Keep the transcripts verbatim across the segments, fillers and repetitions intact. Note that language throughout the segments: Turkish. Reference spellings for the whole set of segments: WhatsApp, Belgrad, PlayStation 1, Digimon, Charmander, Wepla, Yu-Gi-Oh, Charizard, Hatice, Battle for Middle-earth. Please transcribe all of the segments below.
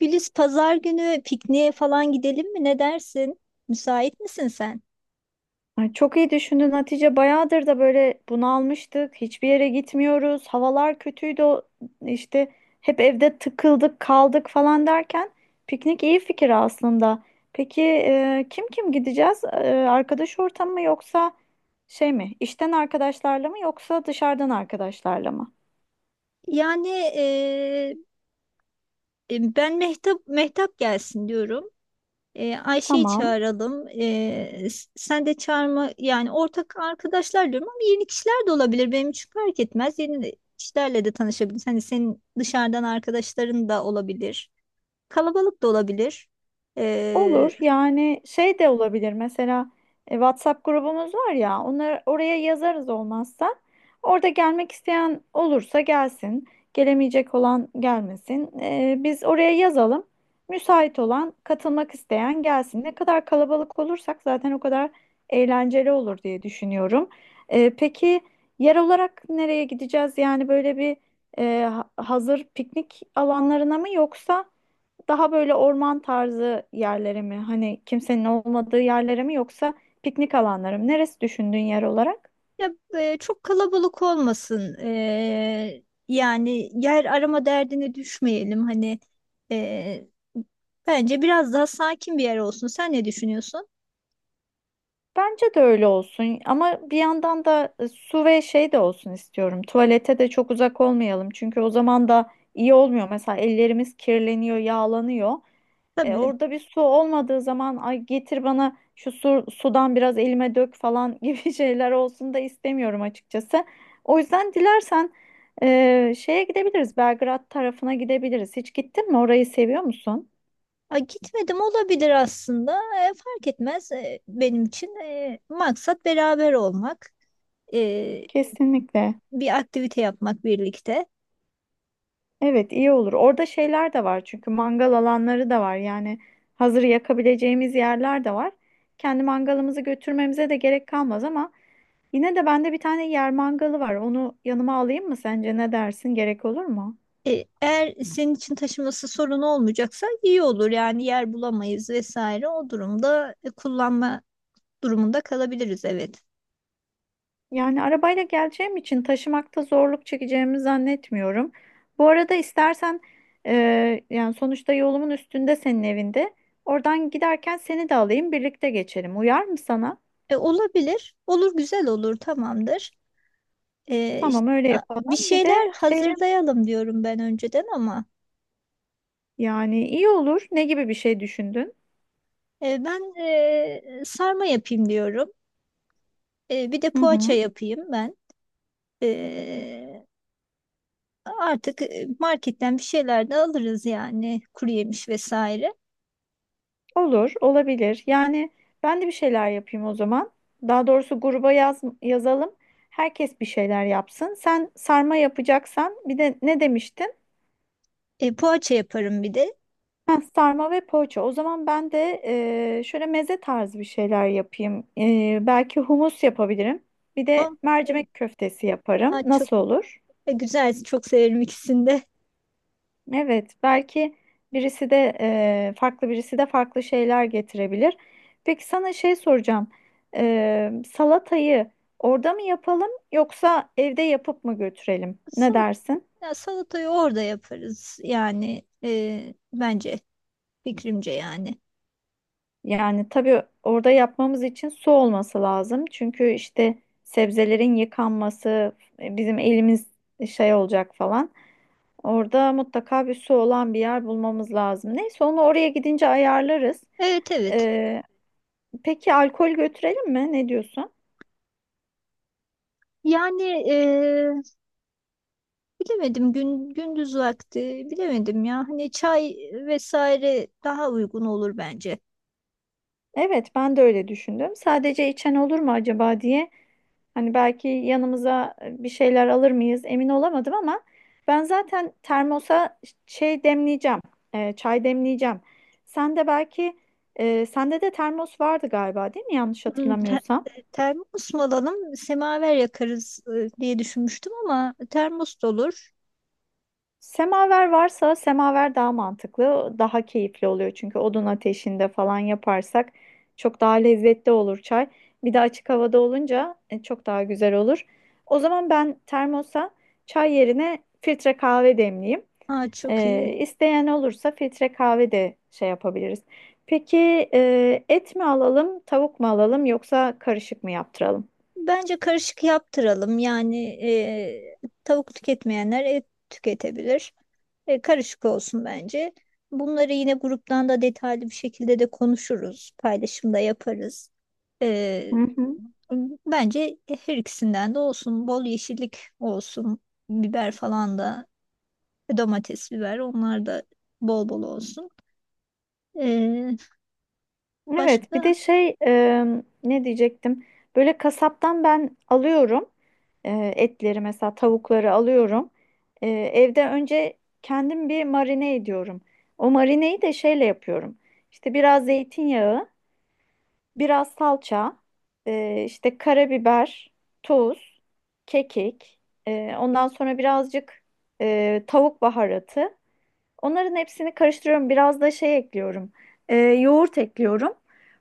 Güliz pazar günü pikniğe falan gidelim mi? Ne dersin? Müsait misin sen? Ay, çok iyi düşündün Hatice. Bayağıdır da böyle bunalmıştık. Hiçbir yere gitmiyoruz. Havalar kötüydü. o- İşte hep evde tıkıldık, kaldık falan derken piknik iyi fikir aslında. Peki e, kim kim gideceğiz? E, arkadaş ortamı mı yoksa şey mi? İşten arkadaşlarla mı yoksa dışarıdan arkadaşlarla mı? Yani eee, e, ben Mehtap Mehtap gelsin diyorum. Eee, Ayşe'yi Tamam. çağıralım. Eee, s- sen de çağırma yani ortak arkadaşlar diyorum ama yeni kişiler de olabilir. Benim için fark etmez. Yeni de- kişilerle de tanışabiliriz. Hani senin dışarıdan arkadaşların da olabilir. Kalabalık da olabilir. Olur yani şey de olabilir mesela e, WhatsApp grubumuz var ya, onları oraya yazarız. Olmazsa orada gelmek isteyen olursa gelsin, gelemeyecek olan gelmesin. E, biz oraya yazalım, müsait olan katılmak isteyen gelsin. Ne kadar kalabalık olursak zaten o kadar eğlenceli olur diye düşünüyorum. E, peki yer olarak nereye gideceğiz? Yani böyle bir e, ha- hazır piknik alanlarına mı, yoksa? Daha böyle orman tarzı yerlere mi? Hani kimsenin olmadığı yerlere mi, yoksa piknik alanları mı? Neresi düşündüğün yer olarak? Ya e, çok kalabalık olmasın. E, yani yer arama derdine düşmeyelim. Hani e, Bence biraz daha sakin bir yer olsun. Sen ne düşünüyorsun? Bence de öyle olsun ama bir yandan da e, su ve şey de olsun istiyorum. Tuvalete de çok uzak olmayalım, çünkü o zaman da iyi olmuyor. Mesela ellerimiz kirleniyor, yağlanıyor. E, Tabii. Orada bir su olmadığı zaman, ay getir bana şu su, sudan biraz elime dök falan gibi şeyler olsun da istemiyorum açıkçası. O yüzden dilersen e, şeye gidebiliriz. Belgrad tarafına gidebiliriz. Hiç gittin mi? Orayı seviyor musun? Ha, gitmedim olabilir aslında. E, fark etmez, E, benim için. E, maksat beraber olmak. E, Kesinlikle. Bir aktivite yapmak birlikte. Evet, iyi olur. Orada şeyler de var, çünkü mangal alanları da var. Yani hazır yakabileceğimiz yerler de var. Kendi mangalımızı götürmemize de gerek kalmaz ama yine de bende bir tane yer mangalı var. Onu yanıma alayım mı sence? Ne dersin? Gerek olur mu? E, Eğer senin için taşıması sorun olmayacaksa iyi olur. Yani yer bulamayız vesaire. O durumda e, kullanma durumunda kalabiliriz, evet. Yani arabayla geleceğim için taşımakta zorluk çekeceğimi zannetmiyorum. Bu arada istersen e, yani sonuçta yolumun üstünde senin evinde. Oradan giderken seni de alayım, birlikte geçelim. Uyar mı sana? E, olabilir. Olur, güzel olur, tamamdır. E, işte, Tamam, öyle a- bir yapalım. Bir de şeyler şey, hazırlayalım diyorum ben önceden ama yani iyi olur. Ne gibi bir şey düşündün? e, ben e, sarma yapayım diyorum. E, bir de Hı poğaça hı. yapayım ben. E, Artık e, marketten bir şeyler de alırız yani kuru yemiş vesaire. Olur, olabilir. Yani ben de bir şeyler yapayım o zaman. Daha doğrusu gruba yaz, yazalım. Herkes bir şeyler yapsın. Sen sarma yapacaksan bir de ne demiştin? E, poğaça yaparım bir de. Ha, sarma ve poğaça. O zaman ben de e, şöyle meze tarzı bir şeyler yapayım. E, belki humus yapabilirim. Bir de O- mercimek köftesi yaparım. Ha, çok Nasıl olur? e, güzel, çok severim ikisini de. Evet, belki birisi de e, farklı, birisi de farklı şeyler getirebilir. Peki sana şey soracağım. E, salatayı orada mı yapalım, yoksa evde yapıp mı götürelim? Ne Salat, dersin? ya salatayı orada yaparız yani, e, bence fikrimce yani. Yani tabii orada yapmamız için su olması lazım. Çünkü işte sebzelerin yıkanması, e, bizim elimiz şey olacak falan. Orada mutlaka bir su olan bir yer bulmamız lazım. Neyse onu oraya gidince ayarlarız. Evet, evet. Peki alkol götürelim mi? Ne diyorsun? Yani e, bilemedim, gün gündüz vakti bilemedim ya. Hani çay vesaire daha uygun olur bence. Evet, ben de öyle düşündüm. Sadece içen olur mu acaba diye. Hani belki yanımıza e, bir şeyler alır mıyız emin olamadım ama ben zaten termosa şey demleyeceğim. E, çay demleyeceğim. Sen de belki e, sende de termos vardı galiba, değil mi? Yanlış Hmm, te- hatırlamıyorsam. termos mu alalım, semaver yakarız e, diye düşünmüştüm ama termos da olur. Semaver varsa semaver daha mantıklı, daha keyifli oluyor. Çünkü odun ateşinde falan yaparsak çok daha lezzetli olur çay. Bir de açık havada olunca e, çok daha güzel olur. O zaman ben termosa çay yerine filtre kahve demleyeyim. Ha, çok iyi. Ee, isteyen olursa filtre kahve de şey yapabiliriz. Peki e, et mi alalım, tavuk mu alalım, yoksa karışık mı yaptıralım? Bence karışık yaptıralım. Yani e, tavuk tüketmeyenler et tüketebilir. E, karışık olsun bence. Bunları yine gruptan da detaylı bir şekilde de konuşuruz. Paylaşımda yaparız. E, Hı hı. Bence her ikisinden de olsun. Bol yeşillik olsun. Biber falan da, domates, biber, onlar da bol bol olsun. E, Evet, bir de başka? şey, e, ne diyecektim? Böyle kasaptan ben alıyorum, e, etleri mesela, tavukları alıyorum. E, evde önce kendim bir marine ediyorum. O marineyi de şeyle yapıyorum. İşte biraz zeytinyağı, biraz salça, e, işte karabiber, tuz, kekik. E, ondan sonra birazcık e, tavuk baharatı. Onların hepsini karıştırıyorum. Biraz da şey ekliyorum. Ee, yoğurt ekliyorum.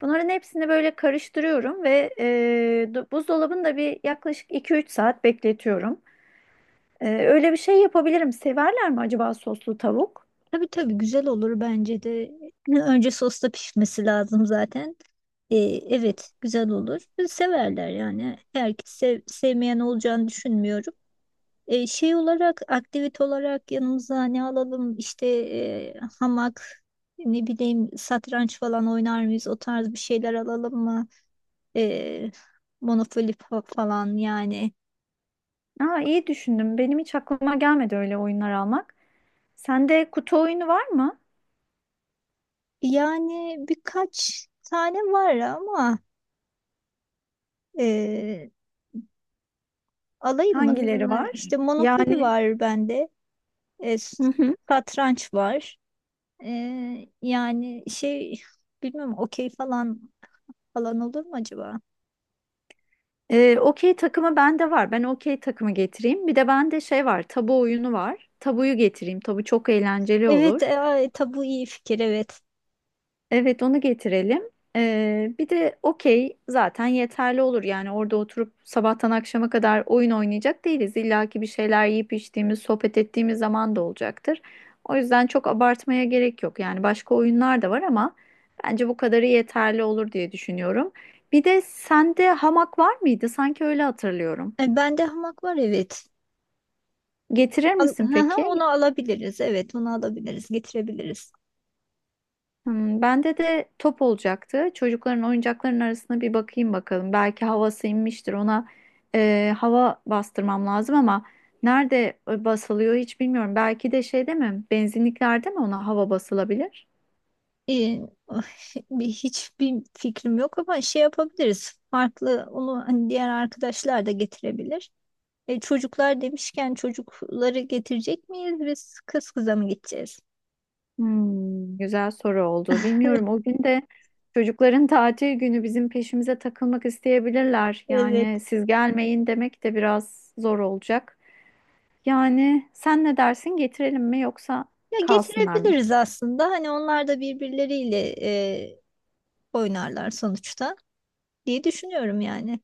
Bunların hepsini böyle karıştırıyorum ve e, du- buzdolabında bir yaklaşık iki üç saat bekletiyorum. Ee, öyle bir şey yapabilirim. Severler mi acaba soslu tavuk? Tabii tabii, güzel olur bence de. Önce sosta pişmesi lazım zaten. Ee, evet, güzel olur. Severler yani. Herkes sev- sevmeyen olacağını düşünmüyorum. Ee, şey olarak, aktivite olarak yanımıza ne alalım, işte e, hamak, ne bileyim satranç falan oynar mıyız, o tarz bir şeyler alalım mı? Ee, Monopoly fa- falan yani. Aa, iyi düşündüm. Benim hiç aklıma gelmedi öyle oyunlar almak. Sende kutu oyunu var mı? Yani birkaç tane var ama... e, Alayım Hangileri mı? var? İşte Monopoly Yani var bende. E, Satranç var. E, yani şey, bilmiyorum, okey falan falan olur mu acaba? Ee, okey takımı bende var. Ben okey takımı getireyim. Bir de bende şey var. Tabu oyunu var. Tabuyu getireyim. Tabu çok eğlenceli Evet, olur. e, ay, tabu iyi fikir, evet. Evet, onu getirelim. Ee, bir de okey zaten yeterli olur. Yani orada oturup sabahtan akşama kadar oyun oynayacak değiliz. İlla ki bir şeyler yiyip içtiğimiz, sohbet ettiğimiz zaman da olacaktır. O yüzden çok abartmaya gerek yok. Yani başka oyunlar da var ama bence bu kadarı yeterli olur diye düşünüyorum. Bir de sende hamak var mıydı? Sanki öyle hatırlıyorum. E, bende hamak var, evet. Getirir Al, hı misin hı, peki? onu alabiliriz, evet, onu alabiliriz getirebiliriz. Hmm, bende de top olacaktı. Çocukların oyuncaklarının arasına bir bakayım bakalım. Belki havası inmiştir. Ona e, hava bastırmam lazım ama nerede e, basılıyor hiç bilmiyorum. Belki de şeyde mi? Benzinliklerde mi ona hava basılabilir? E, oh, bir- hiçbir fikrim yok ama şey yapabiliriz. Farklı, onu hani diğer arkadaşlar da getirebilir. E, çocuklar demişken, çocukları getirecek miyiz, biz kız kıza mı gideceğiz? Hmm, güzel soru oldu. Bilmiyorum. O gün de çocukların tatil günü, bizim peşimize takılmak isteyebilirler. Evet. Yani siz gelmeyin demek de biraz zor olacak. Yani sen ne dersin, getirelim mi, yoksa Ya kalsınlar mı? getirebiliriz aslında. Hani onlar da birbirleriyle e, oynarlar sonuçta diye düşünüyorum yani.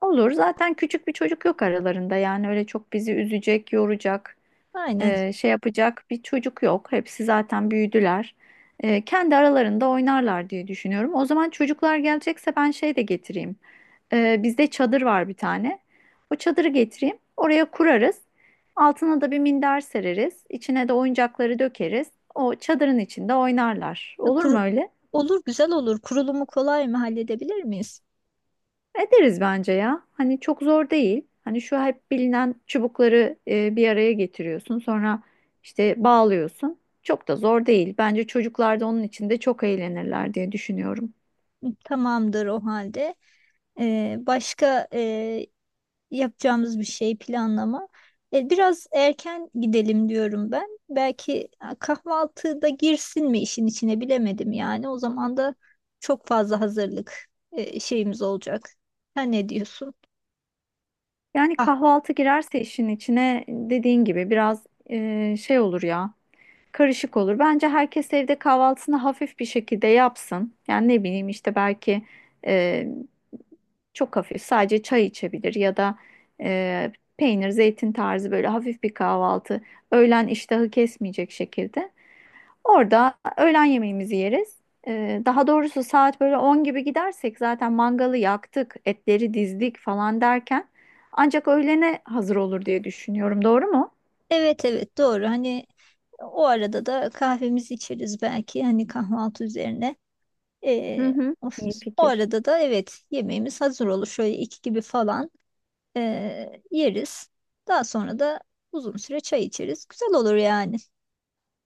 Olur, zaten küçük bir çocuk yok aralarında. Yani öyle çok bizi üzecek, yoracak, Aynen. e, şey yapacak bir çocuk yok. Hepsi zaten büyüdüler. E, kendi aralarında oynarlar diye düşünüyorum. O zaman çocuklar gelecekse ben şey de getireyim. E, bizde çadır var bir tane. O çadırı getireyim. Oraya kurarız. Altına da bir minder sereriz. İçine de oyuncakları dökeriz. O çadırın içinde oynarlar. Ha, Olur mu Kuru, öyle? olur, güzel olur. Kurulumu kolay mı, halledebilir miyiz? Ederiz bence ya. Hani çok zor değil. Hani şu hep bilinen çubukları e, bir araya getiriyorsun. Sonra işte bağlıyorsun. Çok da zor değil. Bence çocuklar da onun içinde çok eğlenirler diye düşünüyorum. Tamamdır o halde. E, başka e, yapacağımız bir şey planlama. E, biraz erken gidelim diyorum ben. Belki ha, kahvaltıda girsin mi işin içine, bilemedim yani. O zaman da çok fazla hazırlık e, şeyimiz olacak. Sen ne diyorsun? Yani Ah, kahvaltı girerse işin içine, dediğin gibi biraz e, şey olur ya, karışık olur. Bence herkes evde kahvaltısını hafif bir şekilde yapsın. Yani ne bileyim işte belki e, çok hafif sadece çay içebilir, ya da e, peynir, zeytin tarzı böyle hafif bir kahvaltı. Öğlen iştahı kesmeyecek şekilde. Orada öğlen yemeğimizi yeriz. E, daha doğrusu saat böyle on gibi gidersek zaten mangalı yaktık, etleri dizdik falan derken ancak öğlene hazır olur diye düşünüyorum. Doğru mu? evet, evet, doğru. Hani o arada da kahvemizi içeriz belki, hani kahvaltı üzerine. Hı E, hı. of, İyi O fikir. arada da evet yemeğimiz hazır olur. Şöyle iki gibi falan. Ee, yeriz. Daha sonra da uzun süre çay içeriz. Güzel olur yani.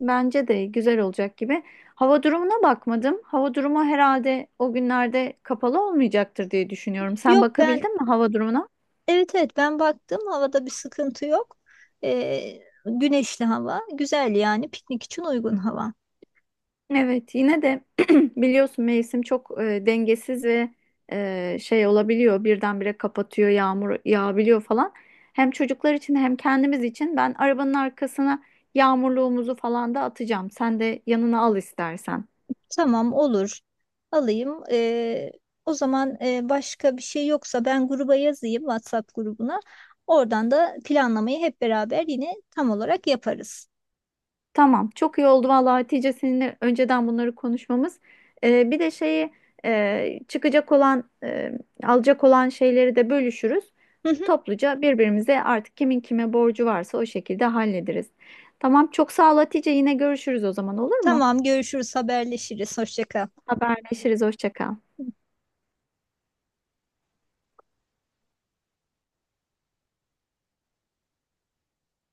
Bence de güzel olacak gibi. Hava durumuna bakmadım. Hava durumu herhalde o günlerde kapalı olmayacaktır diye düşünüyorum. Sen Yok ben bakabildin mi hava durumuna? Evet, evet, ben baktım, havada bir sıkıntı yok. Ee, Güneşli hava, güzel yani, piknik için uygun hava. Evet, yine de biliyorsun mevsim çok e, dengesiz ve e, şey olabiliyor. Birdenbire kapatıyor, yağmur yağabiliyor falan. Hem çocuklar için hem kendimiz için ben arabanın arkasına yağmurluğumuzu falan da atacağım. Sen de yanına al istersen. Tamam, olur, alayım. Ee, o zaman e, başka bir şey yoksa ben gruba yazayım, WhatsApp grubuna. Oradan da planlamayı hep beraber yine tam olarak yaparız. Tamam, çok iyi oldu vallahi Hatice, seninle önceden bunları konuşmamız. Ee, bir de şeyi, e, çıkacak olan, e, alacak olan şeyleri de bölüşürüz. Hı hı. Topluca birbirimize artık kimin kime borcu varsa o şekilde hallederiz. Tamam, çok sağ ol Hatice. Yine görüşürüz o zaman, olur mu? Tamam, görüşürüz, haberleşiriz. Hoşça kal. Haberleşiriz. Hoşça kal.